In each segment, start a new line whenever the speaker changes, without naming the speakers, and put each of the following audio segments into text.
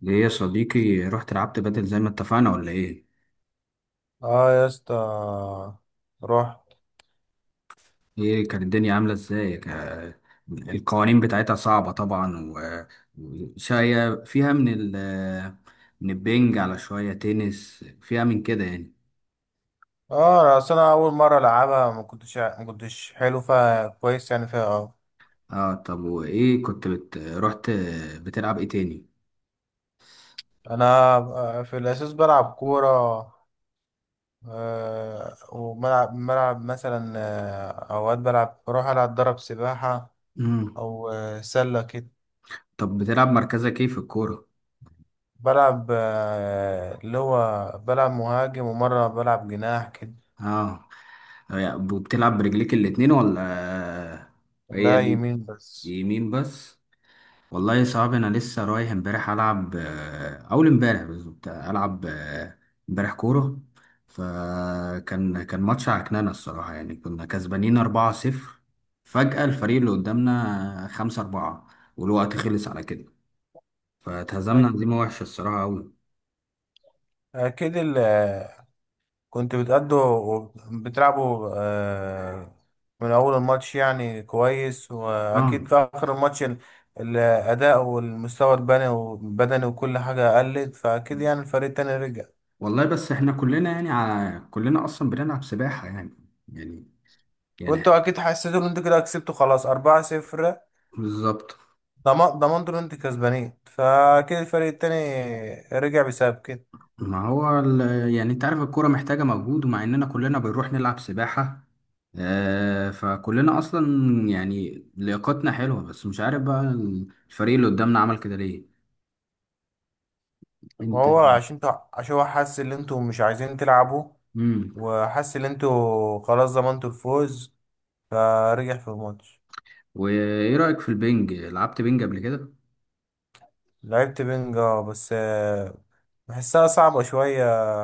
ليه يا صديقي رحت لعبت بدل زي ما اتفقنا ولا ايه؟
اه يا اسطى. رحت.
ايه كانت الدنيا عاملة ازاي؟ القوانين بتاعتها صعبة طبعا، وشوية فيها من البنج على شوية تنس فيها من كده يعني.
اه اصل انا اول مره العبها، ما كنتش حلو فيها كويس يعني فيها اه
اه. طب وايه كنت بت... رحت بتلعب ايه تاني؟
انا في الاساس بلعب كوره. وملعب مثلا، اوقات بلعب بروح العب ضرب سباحه،
مم.
او سله كده.
طب بتلعب مركزك ايه في الكورة؟
بلعب اللي هو بلعب مهاجم، ومره بلعب جناح كده.
اه. بتلعب برجليك الاتنين ولا
لا،
هي
يمين بس.
اليمين بس؟ والله صعب. انا لسه رايح امبارح العب اول امبارح بالظبط العب امبارح كوره، فكان ماتش عكنانه الصراحه يعني. كنا كسبانين 4-0، فجأة الفريق اللي قدامنا 5-4 والوقت خلص على كده،
أك-
فاتهزمنا هزيمه وحشه الصراحه قوي.
اكيد. كنت بتلعبوا من أول الماتش يعني كويس. وأكيد
اه،
في آخر الماتش الأداء والمستوى البدني والبدني وكل حاجة قلت، فأكيد يعني الفريق التاني رجع.
والله بس احنا كلنا يعني كلنا اصلا بنلعب سباحه يعني. يعني
وأنتوا
يعني
أكيد حسيتوا إن أنتوا كده كسبتوا خلاص، أربعة صفر.
بالظبط.
ضمنتوا إن أنتوا كسبانين، فأكيد الفريق التاني رجع بسبب كده.
ما هو ال- يعني انت عارف الكورة محتاجة مجهود، ومع اننا كلنا بنروح نلعب سباحة فكلنا اصلا يعني لياقتنا حلوة، بس مش عارف بقى الفريق اللي قدامنا عمل كده ليه.
ما
انت.
هو عشان انتوا، عشان هو حس إن أنتوا مش عايزين تلعبوا،
امم.
وحس إن أنتوا خلاص ضمنتوا الفوز، فرجع في الماتش.
وايه رأيك في البنج؟ لعبت بنج قبل كده؟
لعبت بنج، اه بس بحسها صعبة شوية،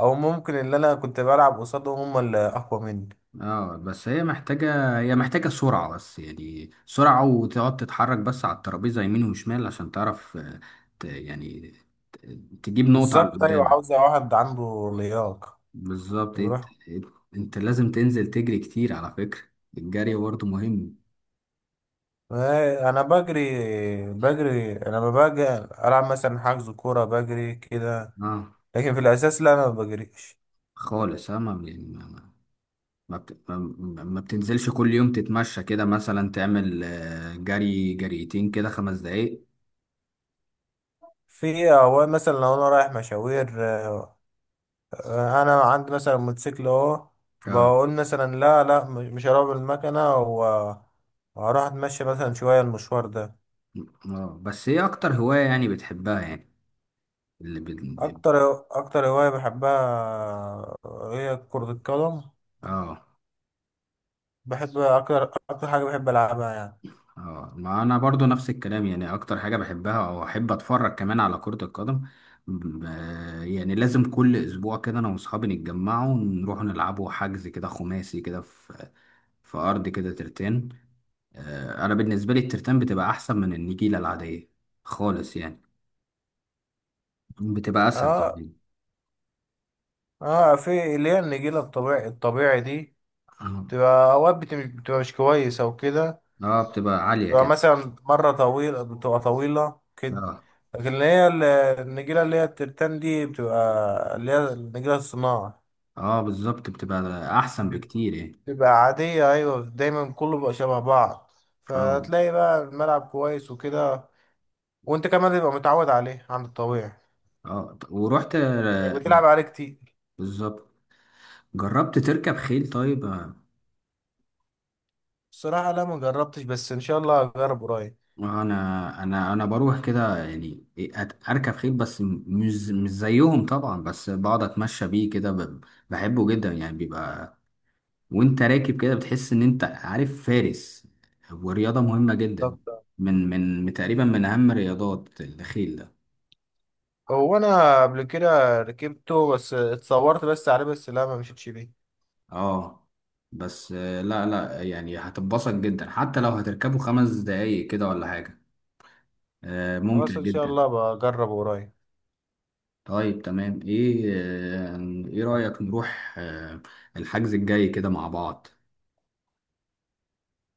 أو ممكن اللي أنا كنت بلعب قصادهم هم اللي أقوى مني.
اه، بس هي محتاجة، هي محتاجة سرعة. بس يعني سرعة، وتقعد تتحرك بس على الترابيزة يمين وشمال عشان تعرف ت- يعني ت- تجيب نقطة على اللي
بالظبط، أيوة،
قدامك.
عاوزة واحد عنده لياقة
بالظبط.
يروح.
انت لازم تنزل تجري كتير على فكرة. الجري برضه مهم.
أنا بجري. أنا لما باجي ألعب مثلا حجز كورة بجري كده،
اه
لكن في الأساس لا أنا ما بجريش.
خالص. اه ما يعني ما ما ما بتنزلش كل يوم تتمشى كده مثلا، تعمل جري جريتين كده 5 دقايق؟
في أوقات مثلا لو أنا رايح مشاوير انا عندي مثلا موتوسيكل اهو،
اه.
بقول مثلا لا لا مش هروح بالمكنه، و- وهروح اتمشى مثلا شويه المشوار ده.
اه، بس ايه اكتر هواية يعني بتحبها يعني؟ اللي بال... بال-
اكتر اكتر هوايه بحبها هي كره القدم.
اه.
بحب اكتر. اكتر حاجه بحب العبها يعني.
اه، ما انا برضو نفس الكلام. يعني اكتر حاجة بحبها او احب اتفرج كمان على كرة القدم. ب- يعني لازم كل اسبوع كده انا واصحابي نتجمعوا ونروح نلعبوا حجز كده خماسي كده في في ارض كده ترتان. انا بالنسبة لي الترتان بتبقى احسن من النجيلة العادية خالص يعني. بتبقى اسهل
اه.
كمان.
اه، في اللي هي النجيله الطبيعي الطبيعي دي
اه.
بتبقى اوقات بتبقى مش كويسه وكده.
بتبقى عالية
تبقى
كده.
مثلا مرة طويلة، بتبقى طويلة كده.
اه،
لكن اللي هي النجيلة اللي هي الترتان دي بتبقى، اللي هي النجيلة الصناعة
اه بالظبط، بتبقى احسن
دي،
بكتير يعني.
بتبقى عادية. أيوة، دايما كله بيبقى شبه بعض،
اه،
فتلاقي بقى الملعب كويس وكده. وأنت كمان تبقى متعود عليه عن الطبيعي،
اه ورحت
إنك بتلعب عليه كتير.
بالظبط. جربت تركب خيل طيب
الصراحة لا، ما جربتش، بس إن شاء الله هجرب قريب.
انا بروح كده يعني، اركب خيل بس مش زيهم طبعا. بس بقعد اتمشى بيه كده، بحبه جدا يعني. بيبقى وانت راكب كده بتحس ان انت عارف فارس. ورياضة مهمة جدا،
طب
تقريبا من اهم رياضات الخيل ده.
هو أنا قبل كده ركبته، بس اتصورت بس عليه، بس لا ما مشيتش بيه.
اه بس لا لا يعني، هتتبسط جدا حتى لو هتركبه 5 دقايق كده ولا حاجة. ممتع
خلاص إن شاء
جدا.
الله بجربه قريب.
طيب تمام. آه، ايه رأيك نروح الحجز الجاي كده مع بعض؟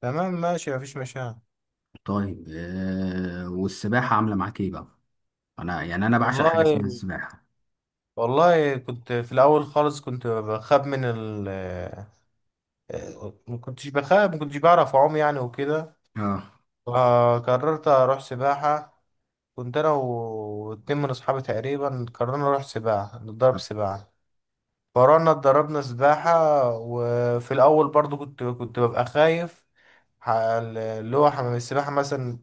تمام ماشي، مفيش مشاكل.
طيب والسباحة عاملة معاك ايه بقى؟ انا يعني انا بعشق حاجة اسمها
والله،
السباحة.
والله كنت في الاول خالص كنت بخاف من ال آه، ما كنتش بخاف، ما كنتش بعرف اعوم يعني وكده،
اه،
فقررت اروح سباحه. كنت انا و- واتنين من اصحابي تقريبا قررنا نروح سباحه نتدرب سباحه، فروحنا اتدربنا سباحه. وفي الاول برضو كنت ببقى خايف اللي هو حمام السباحة مثلا.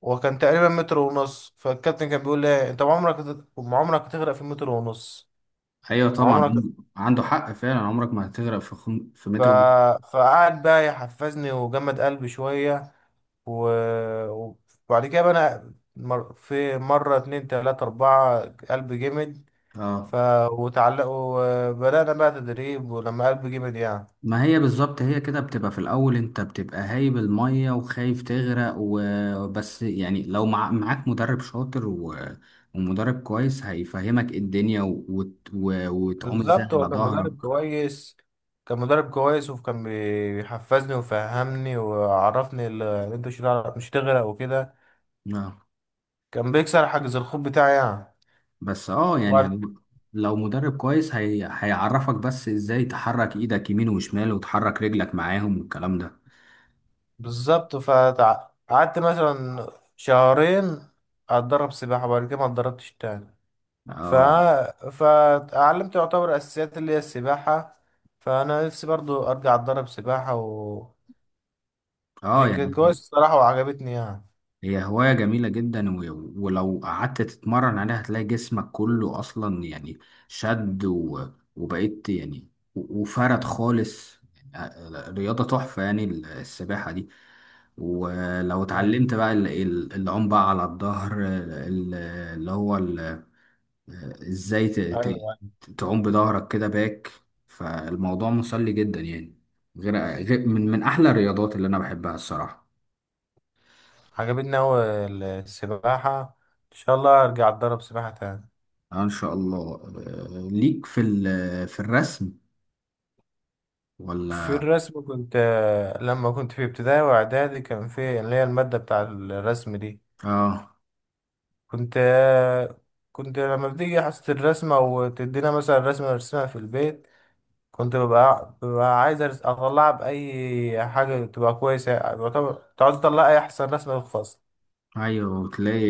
وكان تقريبا متر ونص، فالكابتن كان بيقول لي انت عمرك عمرك هتغرق في متر ونص،
ايوه طبعا.
وعمرك.
عنده حق فعلا، عمرك ما هتغرق في في
ف...
متر ونص.
فقعد بقى يحفزني وجمد قلبي شوية، و... وبعد كده بقى في مرة اتنين تلاتة أربعة قلبي جمد.
اه.
ف... وتعلق وبدأنا بقى تدريب ولما قلبي جمد يعني.
ما هي بالظبط، هي كده بتبقى في الأول. أنت بتبقى هايب المية وخايف تغرق وبس. يعني لو معاك مدرب شاطر ومدرب كويس هيفهمك إيه الدنيا وتعوم ازاي
بالظبط، هو
على
كان
ظهرك.
مدرب كويس. كان مدرب كويس، وكان بيحفزني وفهمني وعرفني ان انت مش هتغرق وكده.
آه.
كان بيكسر حاجز الخوف بتاعي يعني.
بس اه
وبعد
يعني لو مدرب كويس هيعرفك بس ازاي تحرك ايدك يمين وشمال وتحرك رجلك معاهم والكلام ده.
بالظبط، فقعدت مثلا شهرين اتدرب سباحة. وبعد كده ما اتدربتش تاني. ف...
اه،
فاتعلمت يعتبر اساسيات اللي هي السباحة. فانا نفسي برضو ارجع اتدرب سباحة، و
اه
عشان كده
يعني
كويس الصراحة وعجبتني يعني.
هي هواية جميلة جدا، ولو قعدت تتمرن عليها هتلاقي جسمك كله أصلا يعني شد وبقيت يعني وفرد خالص يعني. رياضة تحفة يعني السباحة دي. ولو
ايوه.
اتعلمت بقى العوم بقى على الظهر، اللي هو آه، ازاي ت-
ايوه. أيوة.
تعوم بظهرك كده باك، فالموضوع مسلي جدا يعني. غير، من أحلى الرياضات اللي أنا بحبها الصراحة.
عجبتني اوي السباحة. ان شاء الله ارجع اتدرب سباحة تاني.
آه ان شاء الله. ليك في في الرسم
في
ولا؟
الرسم كنت. لما كنت في ابتدائي واعدادي كان في اللي هي المادة بتاع الرسم دي.
اه،
كنت كنت لما بتيجي حصة الرسمة وتدينا مثلا رسمة نرسمها في البيت، كنت ببقى, عايز أطلعها بأي حاجة تبقى كويسة يعني يعتبر، كنت عايز أطلع أي أحسن رسمة في الفصل.
ايوه تلاقي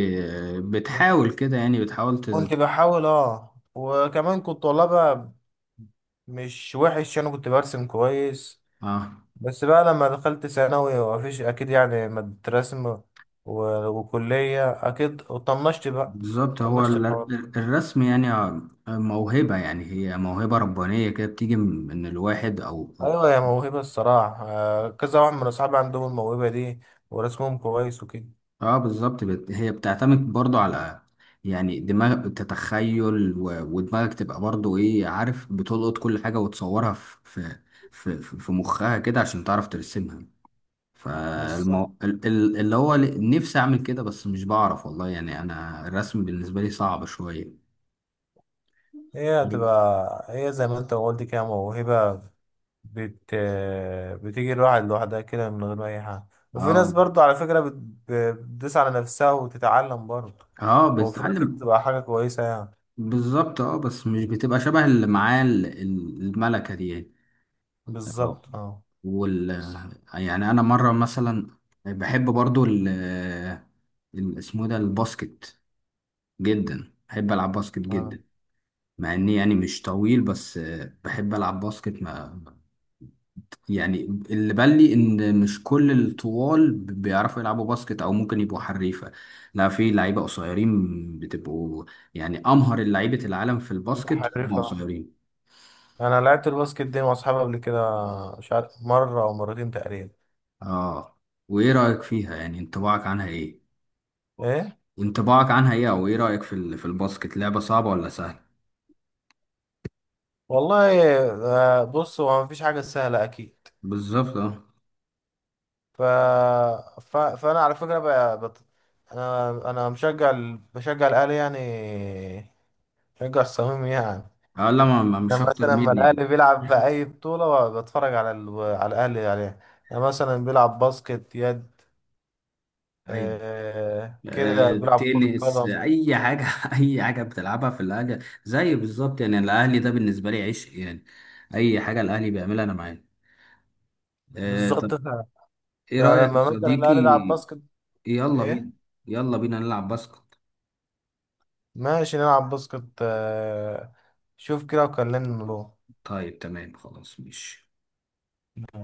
بتحاول كده يعني،
كنت بحاول، أه، وكمان كنت والله بقى مش وحش. أنا كنت برسم كويس.
اه.
بس بقى لما دخلت ثانوي، ومفيش أكيد يعني مادة رسم و- وكلية أكيد، وطنشت بقى.
بالظبط. هو
طنشت الحوار ده.
الرسم يعني موهبة. يعني هي موهبة ربانية كده، بتيجي من الواحد او.
ايوه، هي موهبه الصراحه. كذا واحد من اصحابي عندهم الموهبه دي ورسمهم كويس وكده.
اه بالظبط، هي بتعتمد برضو على يعني دماغ تتخيل، و... ودماغك تبقى برضو ايه، عارف، بتلقط كل حاجة وتصورها في مخها كده عشان تعرف ترسمها.
بالظبط.
فالمو... ال- ال- اللي هو ل- نفسي اعمل كده بس مش بعرف، والله يعني انا الرسم بالنسبه لي صعب شويه.
هي هتبقى، هي زي ما انت قلت كده موهبه، بت... بتيجي الواحد لوحدها كده من غير اي حاجه. وفي ناس
اه،
برضو على فكره بتدوس على نفسها وتتعلم برضو،
اه
وفي الاخر
بتتعلم.
بتبقى حاجه كويسه يعني.
بالظبط. اه بس مش بتبقى شبه اللي معاه الملكه دي يعني؟ اه.
بالظبط. اه.
وال يعني انا مره مثلا بحب برضو اسمه إيه ده؟ الباسكت، جدا بحب العب باسكت
اه.
جدا مع اني يعني مش طويل. بس بحب العب باسكت يعني. اللي بان لي ان مش كل الطوال بيعرفوا يلعبوا باسكت او ممكن يبقوا حريفه. لا، في لعيبه قصيرين بتبقوا يعني امهر لعيبه العالم في
يبقى
الباسكت هم
حريفه.
قصيرين.
انا لعبت الباسكت دي مع اصحابي قبل كده، مش عارف مره او مرتين تقريبا.
اه. وايه رايك فيها يعني؟ انطباعك عنها ايه؟
ايه.
انطباعك عنها ايه، او ايه رايك في في الباسكت؟ لعبه صعبه ولا سهله؟
والله، بص، هو مفيش حاجة سهلة أكيد.
بالظبط اه.
ف... فأنا على فكرة بقى، أنا بشجع الأهلي يعني. بشجع الصميم يعني.
لا، مش
أنا
اكتر
مثلا لما
مني.
الأهلي بيلعب بأي بطولة بتفرج على على الأهلي عليها. أنا مثلا بيلعب باسكت، يد،
ايوه.
كده، بيلعب كرة
تنس،
قدم.
اي حاجه. اي حاجه بتلعبها في الاهلي، زي بالظبط. يعني الاهلي ده بالنسبه لي عشق يعني. اي حاجه الاهلي بيعملها انا معاه. طب
بالظبط.
ايه رايك يا
فلما مثلا
صديقي؟
الأهلي يلعب باسكت.
يلا بينا،
إيه.
يلا بينا نلعب باسكت.
ماشي نلعب باسكت. شوف كده وكلمني له.
طيب تمام، خلاص ماشي.